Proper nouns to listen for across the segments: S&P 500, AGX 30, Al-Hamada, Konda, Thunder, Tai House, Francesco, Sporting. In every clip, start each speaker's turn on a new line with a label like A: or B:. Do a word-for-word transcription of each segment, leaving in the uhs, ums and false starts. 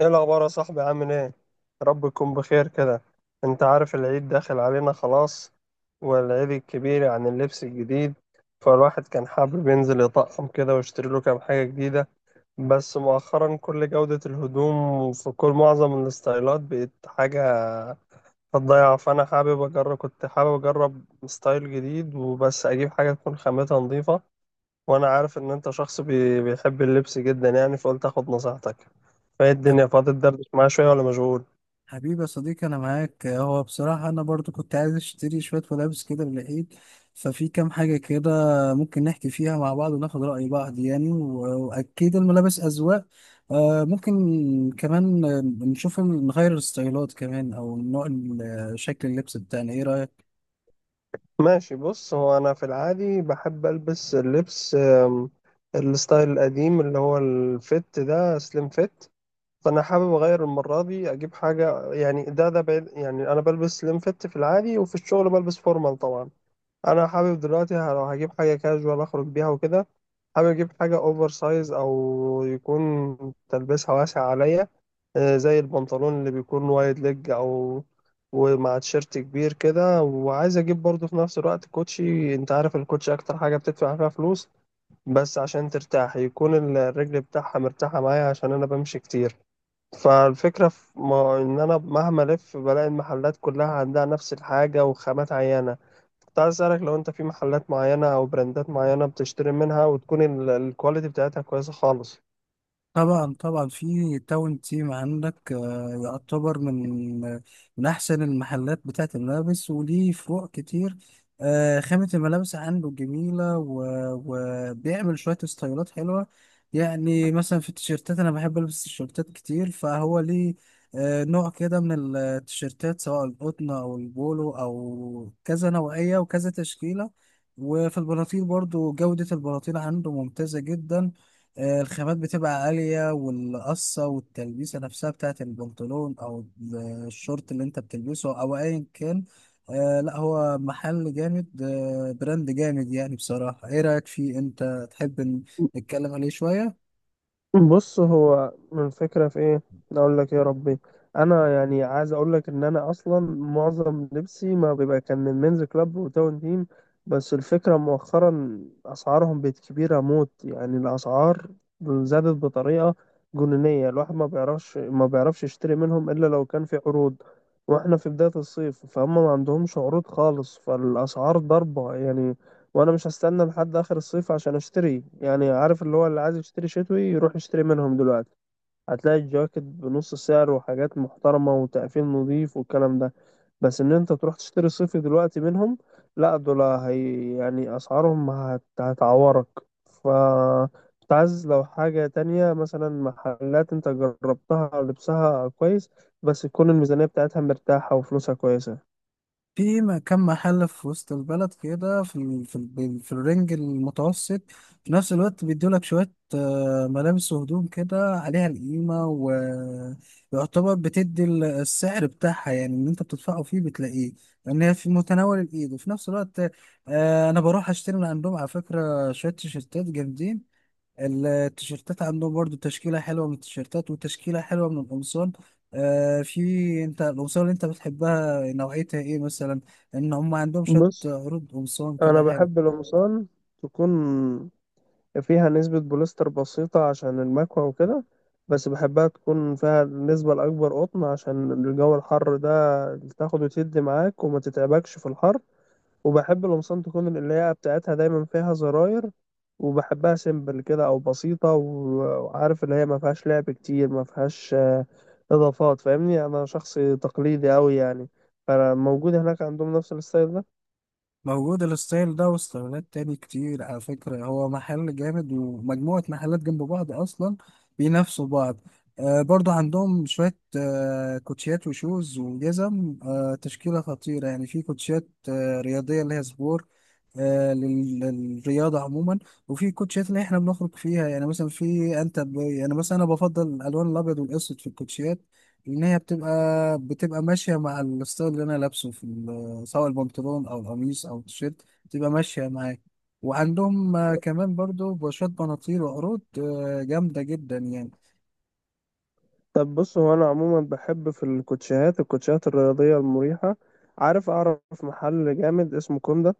A: ايه الاخبار يا صاحبي؟ عامل ايه؟ رب يكون بخير كده. انت عارف العيد داخل علينا خلاص، والعيد الكبير عن اللبس الجديد، فالواحد كان حابب ينزل يطقم كده ويشتري له كام حاجة جديدة. بس مؤخرا كل جودة الهدوم في كل معظم الستايلات بقت حاجة هتضيع. فانا حابب اجرب، كنت حابب اجرب ستايل جديد وبس اجيب حاجة تكون خامتها نظيفة. وانا عارف ان انت شخص بي... بيحب اللبس جدا يعني، فقلت اخد نصيحتك. فايه
B: حب-
A: الدنيا، فاضي تدردش معايا شوية ولا مشغول؟
B: حبيبي يا صديقي، انا معاك. هو بصراحة انا برضو كنت عايز اشتري شوية ملابس كده للعيد. ففي كام حاجة كده ممكن نحكي فيها مع بعض وناخد رأي بعض، يعني و- واكيد الملابس اذواق. آه، ممكن كمان آه، نشوف ال- نغير الستايلات كمان او نوع ال- شكل اللبس بتاعنا، ايه رأيك؟
A: ماشي، بص هو انا في العادي بحب البس اللبس أم، الستايل القديم اللي هو الفت ده، سليم فت. فانا حابب اغير المرة دي، اجيب حاجة يعني ده ده بعيد، يعني انا بلبس سليم فت في العادي، وفي الشغل بلبس فورمال طبعا. انا حابب دلوقتي ه- لو هجيب حاجه كاجوال اخرج بيها وكده، حابب اجيب حاجه اوفر سايز، او يكون تلبسها واسع عليا. آه، زي البنطلون اللي بيكون وايد ليج، او ومع تيشيرت كبير كده. وعايز اجيب برضه في نفس الوقت كوتشي. انت عارف الكوتشي اكتر حاجه بتدفع فيها فلوس بس عشان ترتاح، يكون الرجل بتاعها مرتاحه معايا عشان انا بمشي كتير. فالفكرة في ما إن أنا مهما ألف بلاقي المحلات كلها عندها نفس الحاجة وخامات عينة. كنت عايز أسألك لو أنت في محلات معينة أو براندات معينة بتشتري منها وتكون ال- الكواليتي بتاعتها كويسة خالص.
B: طبعا طبعا، في تاون تيم عندك، آه، يعتبر من آه، من احسن المحلات بتاعه الملابس وليه فروع كتير. آه، خامة الملابس عنده جميلة، و- وبيعمل شوية ستايلات حلوة. يعني مثلا في التيشيرتات أنا بحب ألبس تيشيرتات كتير، فهو ليه آه، نوع كده من التيشيرتات، سواء القطن أو البولو أو كذا نوعية وكذا تشكيلة. وفي البناطيل برضو جودة البناطيل عنده ممتازة جدا. آه، الخامات بتبقى عالية، والقصة والتلبيسة نفسها بتاعت البنطلون أو الشورت اللي أنت بتلبسه أو أيا كان. آه لا، هو محل جامد، آه براند جامد يعني بصراحة. إيه رأيك فيه، أنت تحب إن- نتكلم عليه شوية؟
A: بص، هو من الفكرة في ايه، اقول لك يا ربي. انا يعني عايز اقول لك ان انا اصلا معظم لبسي ما بيبقى كان من مينز كلاب وتاون تيم. بس الفكرة مؤخرا اسعارهم بقت كبيرة موت، يعني الاسعار زادت بطريقة جنونية. الواحد ما بيعرفش ما بيعرفش يشتري منهم الا لو كان في عروض. واحنا في بداية الصيف فهم ما عندهمش عروض خالص، فالاسعار ضربة يعني. وانا مش هستنى لحد اخر الصيف عشان اشتري. يعني عارف اللي هو اللي عايز يشتري شتوي يروح يشتري منهم دلوقتي، هتلاقي الجواكت بنص سعر وحاجات محترمة وتقفيل نظيف والكلام ده. بس ان انت تروح تشتري صيفي دلوقتي منهم، لا دول هي يعني اسعارهم هت... هتعورك. ف كنت عايز، لو حاجة تانية مثلا محلات انت جربتها أو لبسها كويس بس تكون الميزانية بتاعتها مرتاحة وفلوسها كويسة.
B: في م- كم محل في وسط البلد كده، في ال... في ال... في الرينج المتوسط، في نفس الوقت بيدولك شوية آه، ملابس وهدوم كده عليها القيمة، ويعتبر بتدي ال- السعر بتاعها، يعني اللي انت بتدفعه فيه بتلاقيه. لأن هي في متناول الإيد، وفي نفس الوقت آه، أنا بروح أشتري من عندهم على فكرة شوية تيشيرتات جامدين. التيشيرتات عندهم برضو تشكيلة حلوة من التيشيرتات وتشكيلة حلوة من القمصان. آه، في انت القمصان اللي انت بتحبها نوعيتها ايه مثلا؟ ان هم عندهم شوية
A: بص،
B: عروض قمصان كده
A: انا
B: حلو.
A: بحب القمصان تكون فيها نسبة بوليستر بسيطة عشان المكوى وكده، بس بحبها تكون فيها النسبة الأكبر قطن عشان الجو الحر ده، تاخد وتدي معاك وما تتعبكش في الحر. وبحب القمصان تكون القلاية بتاعتها دايما فيها زراير، وبحبها سيمبل كده أو بسيطة، و- وعارف اللي هي ما فيهاش لعب كتير، ما فيهاش آه، إضافات. فاهمني، أنا شخص تقليدي أوي يعني. فموجود هناك عندهم نفس الستايل ده؟
B: موجود الستايل ده وستايلات تاني كتير على فكرة، هو محل جامد ومجموعة محلات جنب بعض أصلا بينافسوا بعض. آه برضو عندهم شوية آه كوتشيات وشوز وجزم، آه تشكيلة خطيرة. يعني في كوتشيات آه رياضية اللي هي سبور، آه لل- للرياضة عموما. وفي كوتشيات اللي احنا بنخرج فيها، يعني مثلا في انت ب... يعني مثلا انا بفضل الالوان الابيض والاسود في الكوتشيات، لان هي بتبقى بتبقى ماشية مع الستايل اللي انا لابسه، في سواء البنطلون او القميص او التيشيرت، تبقى ماشيه معاك. وعندهم آه، كمان برضو بوشات بناطيل وعروض آه، جامده جدا يعني.
A: طب بص، هو انا عموما بحب في الكوتشيهات، الكوتشيهات الرياضيه المريحه. عارف، اعرف محل جامد اسمه كوندا.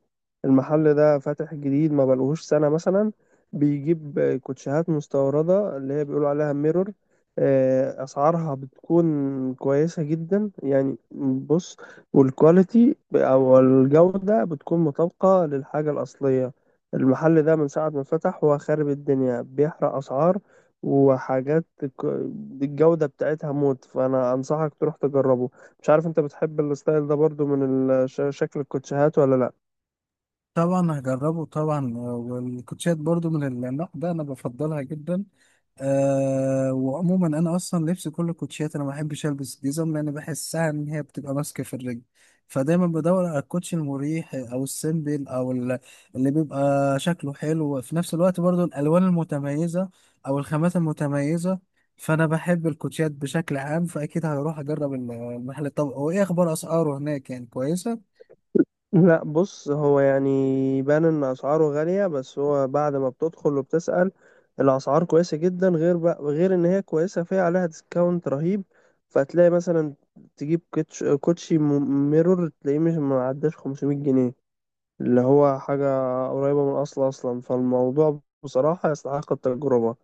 A: المحل ده فاتح جديد، ما بقالهوش سنه مثلا. بيجيب كوتشيهات مستورده اللي هي بيقولوا عليها ميرور. آه، اسعارها بتكون كويسه جدا يعني. بص، والكواليتي او الجوده بتكون مطابقه للحاجه الاصليه. المحل ده من ساعه ما فتح هو خارب الدنيا، بيحرق اسعار وحاجات ك- الجودة بتاعتها موت. فأنا أنصحك تروح تجربه. مش عارف أنت بتحب الستايل ده برضو من ال- ش- شكل الكوتشيهات ولا لأ؟
B: طبعا هجربه طبعا، آه، والكوتشات برضو من النوع ده انا بفضلها جدا. أه، وعموما انا اصلا لبسي كله كوتشيات، انا ما بحبش البس جزم لان بحسها ان هي بتبقى ماسكه في الرجل. فدايما بدور على الكوتشي المريح او السيمبل او ال- اللي بيبقى شكله حلو، وفي نفس الوقت برضو الالوان المتميزه او الخامات المتميزه. فانا بحب الكوتشيات بشكل عام، فاكيد هروح اجرب ال- المحل. طب هو ايه اخبار اسعاره هناك، يعني كويسه؟
A: لأ بص، هو يعني بان إن أسعاره غالية بس هو بعد ما بتدخل وبتسأل الأسعار كويسة جدا، غير بقى غير إن هي كويسة فيها، عليها ديسكاونت رهيب. فتلاقي مثلا تجيب كوتش كوتشي م- ميرور تلاقيه مش معداش خمسمائة جنيه، اللي هو حاجة قريبة من الأصل أصلا. فالموضوع بصراحة يستحق التجربة.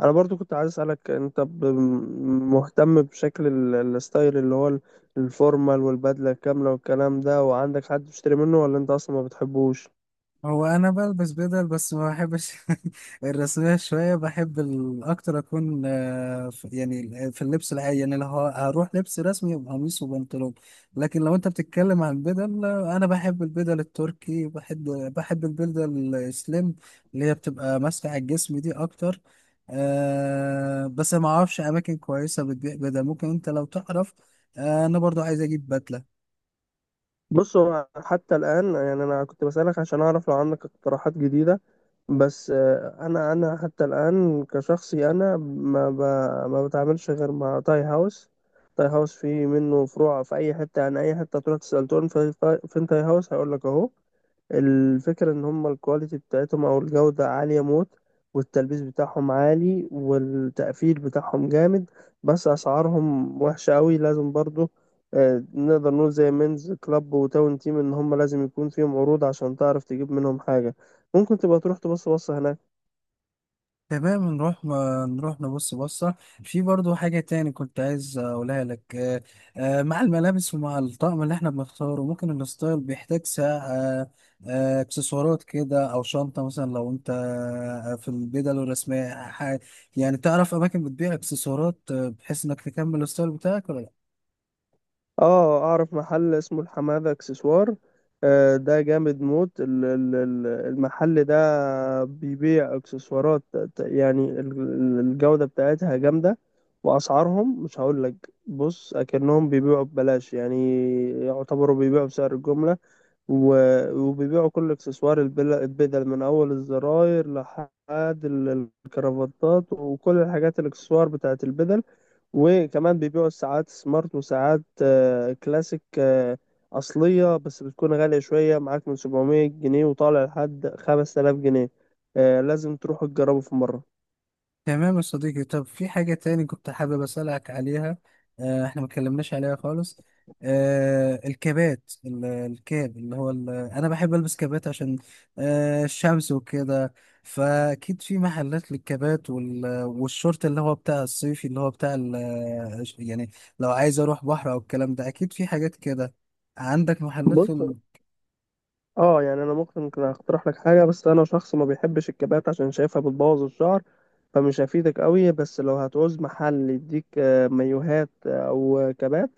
A: أنا برضو كنت عايز أسألك، أنت ب- مهتم بشكل ال- الستايل اللي هو ال- الفورمال والبدلة الكاملة والكلام ده، وعندك حد بتشتري منه ولا أنت أصلا ما بتحبوش؟
B: هو انا بلبس بدل بس ما بحبش الرسميه شويه. بحب ال- اكتر اكون آه، في- يعني في اللبس العادي. يعني لو ه- هروح لبس رسمي يبقى قميص وبنطلون. لكن لو انت بتتكلم عن البدل، آه، انا بحب البدل التركي، بحب بحب البدل السليم اللي هي بتبقى ماسكه على الجسم دي اكتر. أه بس ما اعرفش اماكن كويسه بتبيع بدل، ممكن انت لو تعرف. آه، انا برضو عايز اجيب بدله.
A: بص، هو حتى الآن يعني أنا كنت بسألك عشان أعرف لو عندك اقتراحات جديدة. بس آه، انا انا حتى الان كشخصي، انا ما ب... ما بتعاملش غير مع تاي هاوس. تاي هاوس فيه منه فروع في اي حته. يعني اي حته تروح تسال تقول في... في تاي هاوس، هيقول لك اهو. الفكرة إن هما الكواليتي بتاعتهم أو الجودة عالية موت، والتلبيس بتاعهم عالي والتقفيل بتاعهم جامد. بس أسعارهم وحشة أوي، لازم برضو آه، نقدر نقول زي مينز كلاب وتاون تيم إن هما لازم يكون فيهم عروض عشان تعرف تجيب منهم حاجة. ممكن تبقى تروح تبص بص هناك.
B: تمام نروح، نروح نبص بصة. في برضو حاجة تاني كنت عايز أقولها لك. آه، آه، مع الملابس ومع الطقم اللي احنا بنختاره ممكن الستايل بيحتاج ساعة، آه، آه، اكسسوارات كده أو شنطة مثلا، لو أنت آه، في البدل الرسمية. ح- يعني تعرف أماكن بتبيع اكسسوارات آه، بحيث إنك تكمل الستايل بتاعك، ولا لأ؟
A: اه اعرف محل اسمه الحماده اكسسوار. آه، ده جامد موت. ال- ال- ال- المحل ده بيبيع اكسسوارات، ت- يعني ال- ال- الجودة بتاعتها جامدة. واسعارهم مش هقول لك، بص اكنهم بيبيعوا ببلاش يعني، يعتبروا بيبيعوا بسعر الجملة. و- وبيبيعوا كل اكسسوار البل- البدل من اول الزراير لحد ال- الكرافتات وكل الحاجات الاكسسوار بتاعت البدل. وكمان بيبيعوا ساعات سمارت وساعات آه، كلاسيك آه، أصلية، بس بتكون غالية شوية معاك من سبعمائة جنيه وطالع لحد خمس تلاف جنيه. آه، لازم تروحوا تجربوا في مرة.
B: تمام يا صديقي. طب في حاجة تاني كنت حابب أسألك عليها، آه، احنا ما اتكلمناش عليها خالص. آه، الكابات ال- الكاب اللي هو ال- انا بحب البس كابات عشان آه، الشمس وكده. فاكيد في محلات للكابات وال- والشورت اللي هو بتاع الصيفي اللي هو بتاع ال- يعني لو عايز اروح بحر او الكلام ده، اكيد في حاجات كده عندك محلات.
A: بص اه يعني انا ممكن كده اقترح لك حاجه، بس انا شخص ما بيحبش الكبات عشان شايفها بتبوظ الشعر، فمش هفيدك قوي. بس لو هتعوز محل يديك آه، مايوهات آه، او كبات،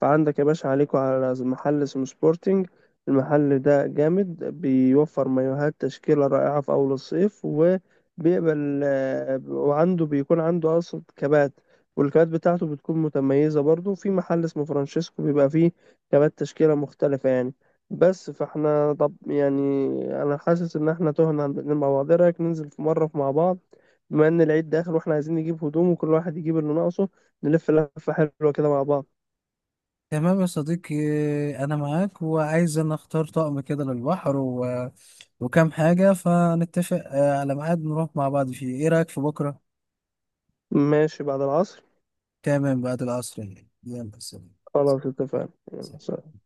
A: فعندك يا باشا، عليكوا على محل اسمه سبورتنج. المحل ده جامد، بيوفر مايوهات تشكيله رائعه في اول الصيف، وبيقبل آه، وعنده بيكون عنده اصلا كبات، والكبات بتاعته بتكون متميزه. برضو في محل اسمه فرانشيسكو بيبقى فيه كبات تشكيله مختلفه يعني. بس فاحنا طب يعني انا حاسس ان احنا تهنا عن الاتنين مع بعض. ايه رايك ننزل في مره مع بعض، بما ان العيد داخل واحنا عايزين نجيب هدوم وكل واحد يجيب اللي ناقصه، نلف لفه حلوه كده مع بعض؟
B: تمام يا صديقي، أنا معاك وعايز أن أختار طقم كده للبحر و... وكام حاجة، فنتفق آه، على ميعاد نروح مع بعض فيه، إيه رأيك في بكرة؟
A: ماشي بعد العصر.
B: تمام، بعد العصر. يعني يلا سلام.
A: خلاص اتفقنا، يلا سلام.